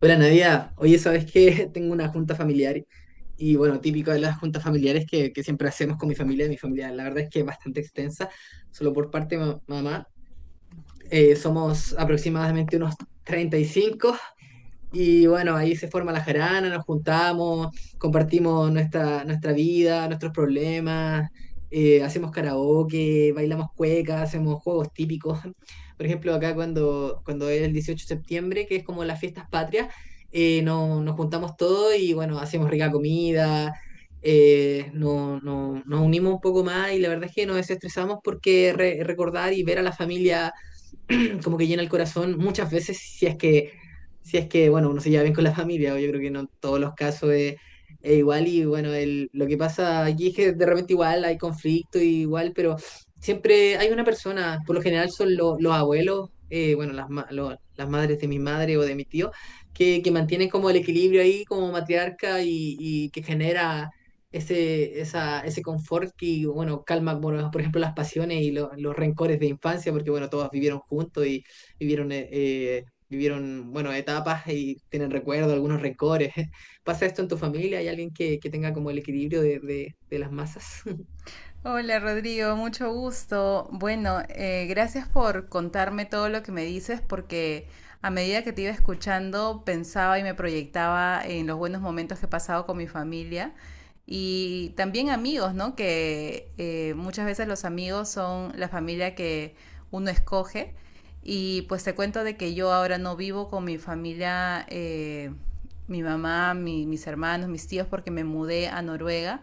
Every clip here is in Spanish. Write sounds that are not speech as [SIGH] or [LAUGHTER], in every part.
Hola Nadia, oye, ¿sabes qué? [LAUGHS] Tengo una junta familiar y bueno, típico de las juntas familiares que siempre hacemos con mi familia. Mi familia, la verdad es que es bastante extensa, solo por parte de mamá. Somos aproximadamente unos 35 y bueno, ahí se forma la jarana, nos juntamos, compartimos nuestra vida, nuestros problemas, hacemos karaoke, bailamos cueca, hacemos juegos típicos. Por ejemplo, acá cuando es el 18 de septiembre, que es como las fiestas patrias, nos juntamos todos y bueno, hacemos rica comida, nos unimos un poco más y la verdad es que nos desestresamos porque recordar y ver a la familia [CLEARS THROAT] como que llena el corazón muchas veces si es que, bueno, uno se lleva bien con la familia, o yo creo que no en todos los casos es igual y bueno, lo que pasa aquí es que de repente igual hay conflicto y igual, pero siempre hay una persona, por lo general son los abuelos, bueno, las, las madres de mi madre o de mi tío, que mantienen como el equilibrio ahí como matriarca y que genera ese confort que, bueno, calma, bueno, por ejemplo, las pasiones y los rencores de infancia, porque, bueno, todos vivieron juntos y vivieron, vivieron, bueno, etapas y tienen recuerdos, algunos rencores. [LAUGHS] ¿Pasa esto en tu familia? ¿Hay alguien que tenga como el equilibrio de, de las masas? Hola Rodrigo, mucho gusto. Bueno, gracias por contarme todo lo que me dices porque a medida que te iba escuchando pensaba y me proyectaba en los buenos momentos que he pasado con mi familia y también amigos, ¿no? Que muchas veces los amigos son la familia que uno escoge y pues te cuento de que yo ahora no vivo con mi familia, mi mamá, mis hermanos, mis tíos porque me mudé a Noruega.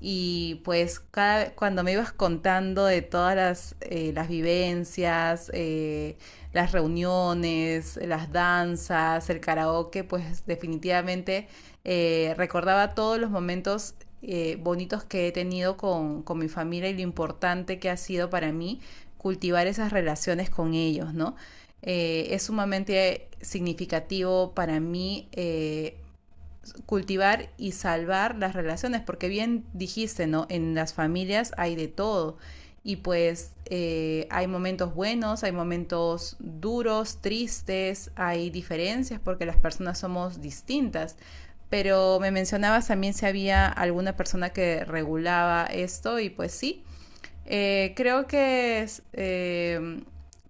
Y pues cada, cuando me ibas contando de todas las vivencias, las reuniones, las danzas, el karaoke, pues definitivamente recordaba todos los momentos bonitos que he tenido con mi familia y lo importante que ha sido para mí cultivar esas relaciones con ellos, ¿no? Es sumamente significativo para mí cultivar y salvar las relaciones, porque bien dijiste, ¿no? En las familias hay de todo. Y pues hay momentos buenos, hay momentos duros, tristes, hay diferencias porque las personas somos distintas. Pero me mencionabas también si había alguna persona que regulaba esto y pues sí, creo que es,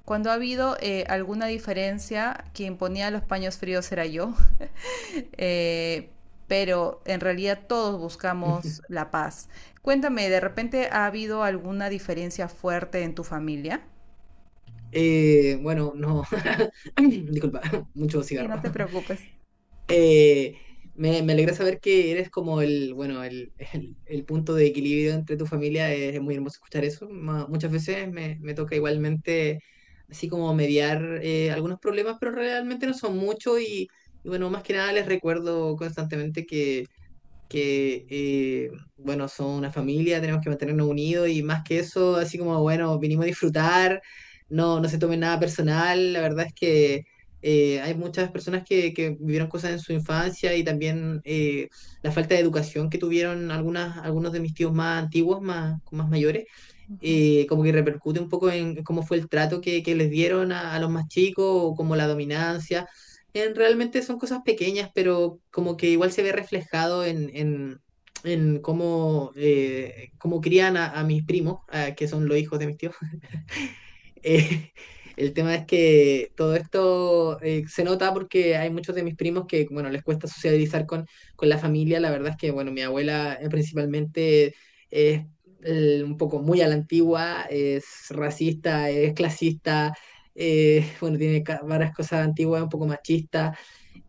cuando ha habido alguna diferencia, quien ponía los paños fríos era yo. [LAUGHS] Eh, pero en realidad todos buscamos [LAUGHS] la paz. Cuéntame, ¿de repente ha habido alguna diferencia fuerte en tu familia? Bueno, no, [LAUGHS] disculpa, [LAUGHS] mucho Sí, no cigarro. te preocupes. Eh, Me alegra saber que eres como el, bueno, el punto de equilibrio entre tu familia. Es muy hermoso escuchar eso. Muchas veces me toca igualmente así como mediar algunos problemas, pero realmente no son muchos y bueno, más que nada les recuerdo constantemente que, bueno, son una familia, tenemos que mantenernos unidos y más que eso, así como, bueno, vinimos a disfrutar, no se tomen nada personal, la verdad es que hay muchas personas que vivieron cosas en su infancia y también la falta de educación que tuvieron algunas, algunos de mis tíos más antiguos, más mayores Ujú. Como que repercute un poco en cómo fue el trato que les dieron a los más chicos, o como la dominancia. Realmente son cosas pequeñas, pero como que igual se ve reflejado en cómo, cómo crían a mis primos, ah, que son los hijos de mis tíos. [LAUGHS] Eh, el tema es que todo esto se nota porque hay muchos de mis primos que, bueno, les cuesta socializar con la familia. La verdad es que, bueno, mi abuela principalmente es un poco muy a la antigua, es racista, es clasista, [LAUGHS] bueno, tiene varias cosas antiguas, un poco machista.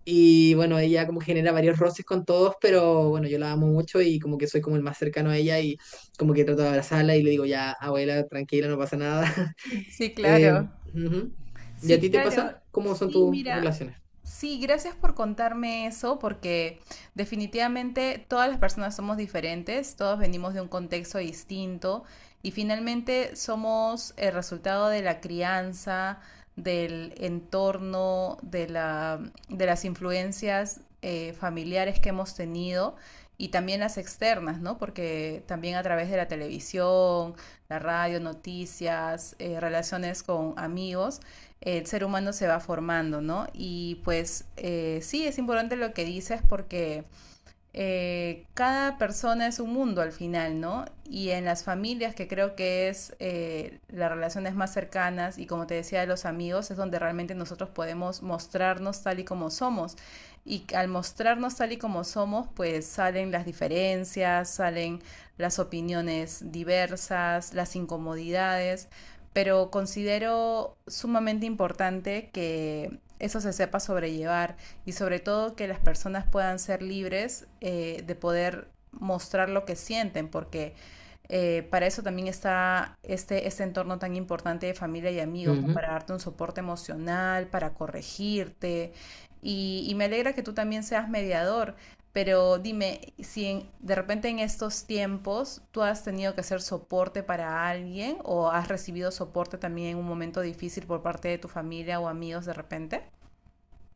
Y bueno, ella como genera varios roces con todos, pero bueno, yo la amo mucho y como que soy como el más cercano a ella y como que trato de abrazarla y le digo, ya, abuela, tranquila, no pasa nada. [LAUGHS] Sí, Eh, claro. ujú. ¿Y a Sí, ti te pasa? claro. ¿Cómo son Sí, tus mira. relaciones? Sí, gracias por contarme eso, porque definitivamente todas las personas somos diferentes, todos venimos de un contexto distinto y finalmente somos el resultado de la crianza, del entorno, de la, de las influencias familiares que hemos tenido y también las externas, ¿no? Porque también a través de la televisión, la radio, noticias, relaciones con amigos, el ser humano se va formando, ¿no? Y pues sí, es importante lo que dices porque cada persona es un mundo al final, ¿no? Y en las familias, que creo que es las relaciones más cercanas y como te decía, de los amigos, es donde realmente nosotros podemos mostrarnos tal y como somos. Y al mostrarnos tal y como somos, pues salen las diferencias, salen las opiniones diversas, las incomodidades, pero considero sumamente importante que eso se sepa sobrellevar y sobre todo que las personas puedan ser libres de poder mostrar lo que sienten, porque para eso también está este, este entorno tan importante de familia y amigos, ¿no? Ujú. Para darte un soporte emocional, para corregirte. Y me alegra que tú también seas mediador, pero dime, si en- de repente en estos tiempos tú has tenido que hacer soporte para alguien o has recibido soporte también en un momento difícil por parte de tu familia o amigos de repente.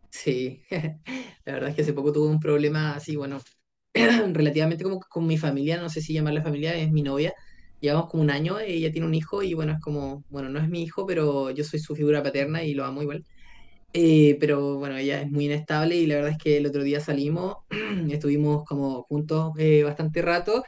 Sí, [LAUGHS] la verdad es que hace poco tuve un problema así, bueno, [CLEARS THROAT] relativamente como que con mi familia, no sé si llamarla familia, es mi novia. Llevamos como un año, ella tiene un hijo y bueno, es como, bueno, no es mi hijo, pero yo soy su figura paterna y lo amo igual. Pero bueno, ella es muy inestable y la verdad es que el otro día salimos, [CLEARS THROAT] estuvimos como juntos bastante rato.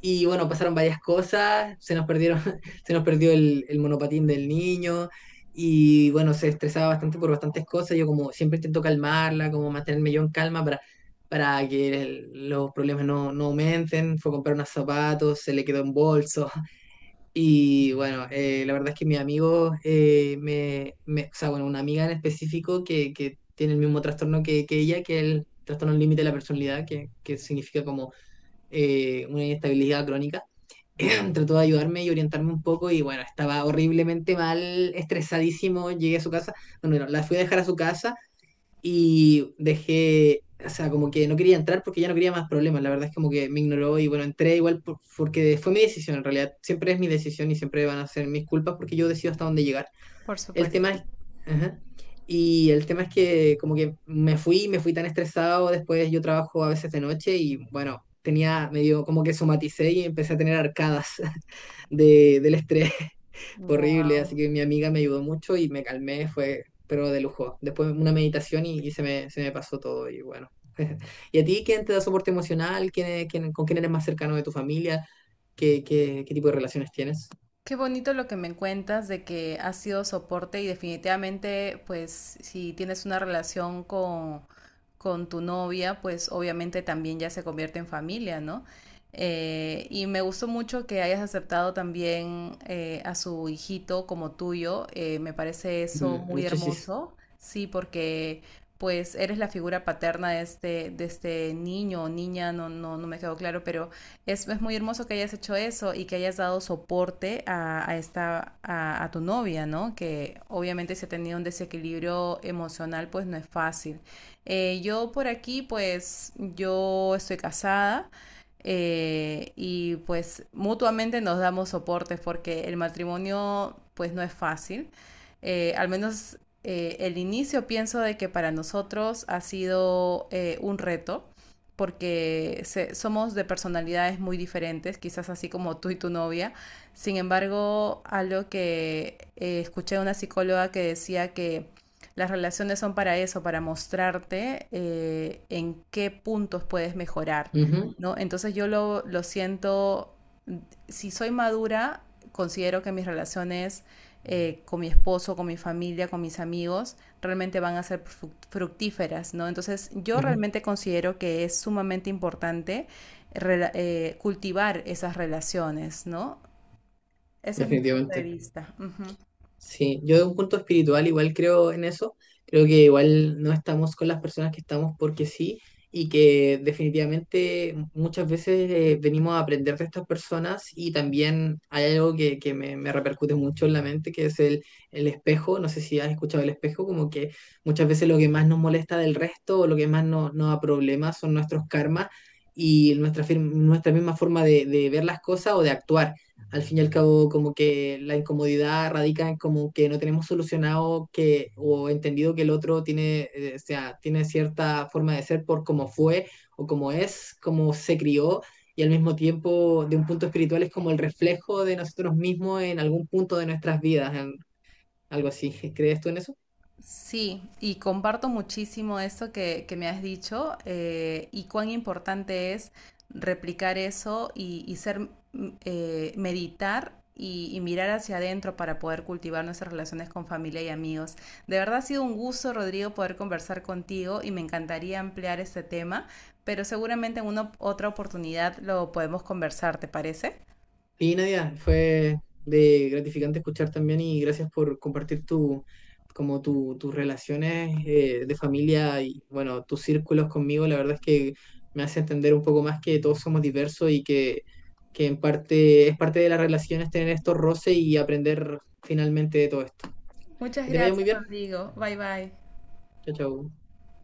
Y bueno, pasaron varias cosas, se nos perdieron, [LAUGHS] se nos perdió el monopatín del niño y bueno, se estresaba bastante por bastantes cosas. Yo como siempre intento calmarla, como mantenerme yo en calma para que los problemas no aumenten. Fue a comprar unos zapatos, se le quedó en bolso. [LAUGHS] Y bueno, la verdad es que mi amigo, o sea, bueno, una amiga en específico que tiene el mismo trastorno que ella, que es el trastorno límite de la personalidad, que significa como una inestabilidad crónica [CLEARS THROAT] trató de ayudarme y orientarme un poco y bueno, estaba horriblemente mal, estresadísimo, llegué a su casa, bueno, no, la fui a dejar a su casa y dejé, o sea, como que no quería entrar porque ya no quería más problemas, la verdad es como que me ignoró y bueno, entré igual porque fue mi decisión en realidad, siempre es mi decisión y siempre van a ser mis culpas porque yo decido hasta dónde llegar. Por El supuesto. tema es... ajá. Y el tema es que como que me fui tan estresado, después yo trabajo a veces de noche y bueno, tenía medio como que somaticé y empecé a tener arcadas del estrés [LAUGHS] horrible, Wow. así que mi amiga me ayudó mucho y me calmé, fue, pero de lujo. Después una meditación y se me pasó todo y bueno. [LAUGHS] ¿Y a ti quién te da soporte emocional? ¿Con quién eres más cercano de tu familia? ¿Qué tipo de relaciones tienes? Qué bonito lo que me cuentas de que has sido soporte y definitivamente, pues, si tienes una relación con tu novia, pues obviamente también ya se convierte en familia, ¿no? Y me gustó mucho que hayas aceptado también a su hijito como tuyo. Me parece eso Mm, muy muchas chis. hermoso, sí, porque pues eres la figura paterna de este niño o niña, no, no, no me quedó claro, pero es, muy hermoso que hayas hecho eso y que hayas dado soporte a esta, a, tu novia, ¿no? Que obviamente si ha tenido un desequilibrio emocional, pues no es fácil. Yo por aquí, pues yo estoy casada. Y pues mutuamente nos damos soportes porque el matrimonio pues no es fácil. Al menos el inicio pienso de que para nosotros ha sido un reto porque se, somos de personalidades muy diferentes, quizás así como tú y tu novia. Sin embargo, algo que escuché de una psicóloga que decía que las relaciones son para eso, para mostrarte en qué puntos puedes mejorar, Ujú, ¿no? Entonces yo lo siento, si soy madura, considero que mis relaciones con mi esposo, con mi familia, con mis amigos, realmente van a ser fructíferas, ¿no? Entonces, yo ujú, realmente considero que es sumamente importante cultivar esas relaciones, ¿no? Ese es mi punto de definitivamente. vista. Ujú. Sí, yo de un punto espiritual igual creo en eso. Creo que igual no estamos con las personas que estamos porque sí y que definitivamente muchas veces venimos a aprender de estas personas y también hay algo que me repercute mucho en la mente que es el espejo. No sé si has escuchado el espejo, como que muchas veces lo que más nos molesta del resto o lo que más nos da problemas son nuestros karmas y nuestra, nuestra misma forma de ver las cosas o de actuar al fin y al cabo como que la incomodidad radica en como que no tenemos solucionado que o entendido que el otro tiene, o sea, tiene cierta forma de ser por cómo fue o cómo es, cómo se crió y al mismo tiempo de un punto espiritual es como el reflejo de nosotros mismos en algún punto de nuestras vidas, en algo así. [LAUGHS] ¿Crees tú en eso? Sí, y comparto muchísimo eso que me has dicho y cuán importante es replicar eso y ser, meditar y mirar hacia adentro para poder cultivar nuestras relaciones con familia y amigos. De verdad ha sido un gusto, Rodrigo, poder conversar contigo y me encantaría ampliar este tema, pero seguramente en una otra oportunidad lo podemos conversar, ¿te parece? Y Nadia, fue de gratificante escuchar también y gracias por compartir tu, como tus relaciones de familia y bueno, tus círculos conmigo. La verdad es que me hace entender un poco más que todos somos diversos y que en parte es parte de las relaciones tener estos roces y aprender finalmente de todo esto. Muchas Que te vaya muy gracias, bien. Rodrigo. Bye bye. Chao, chao.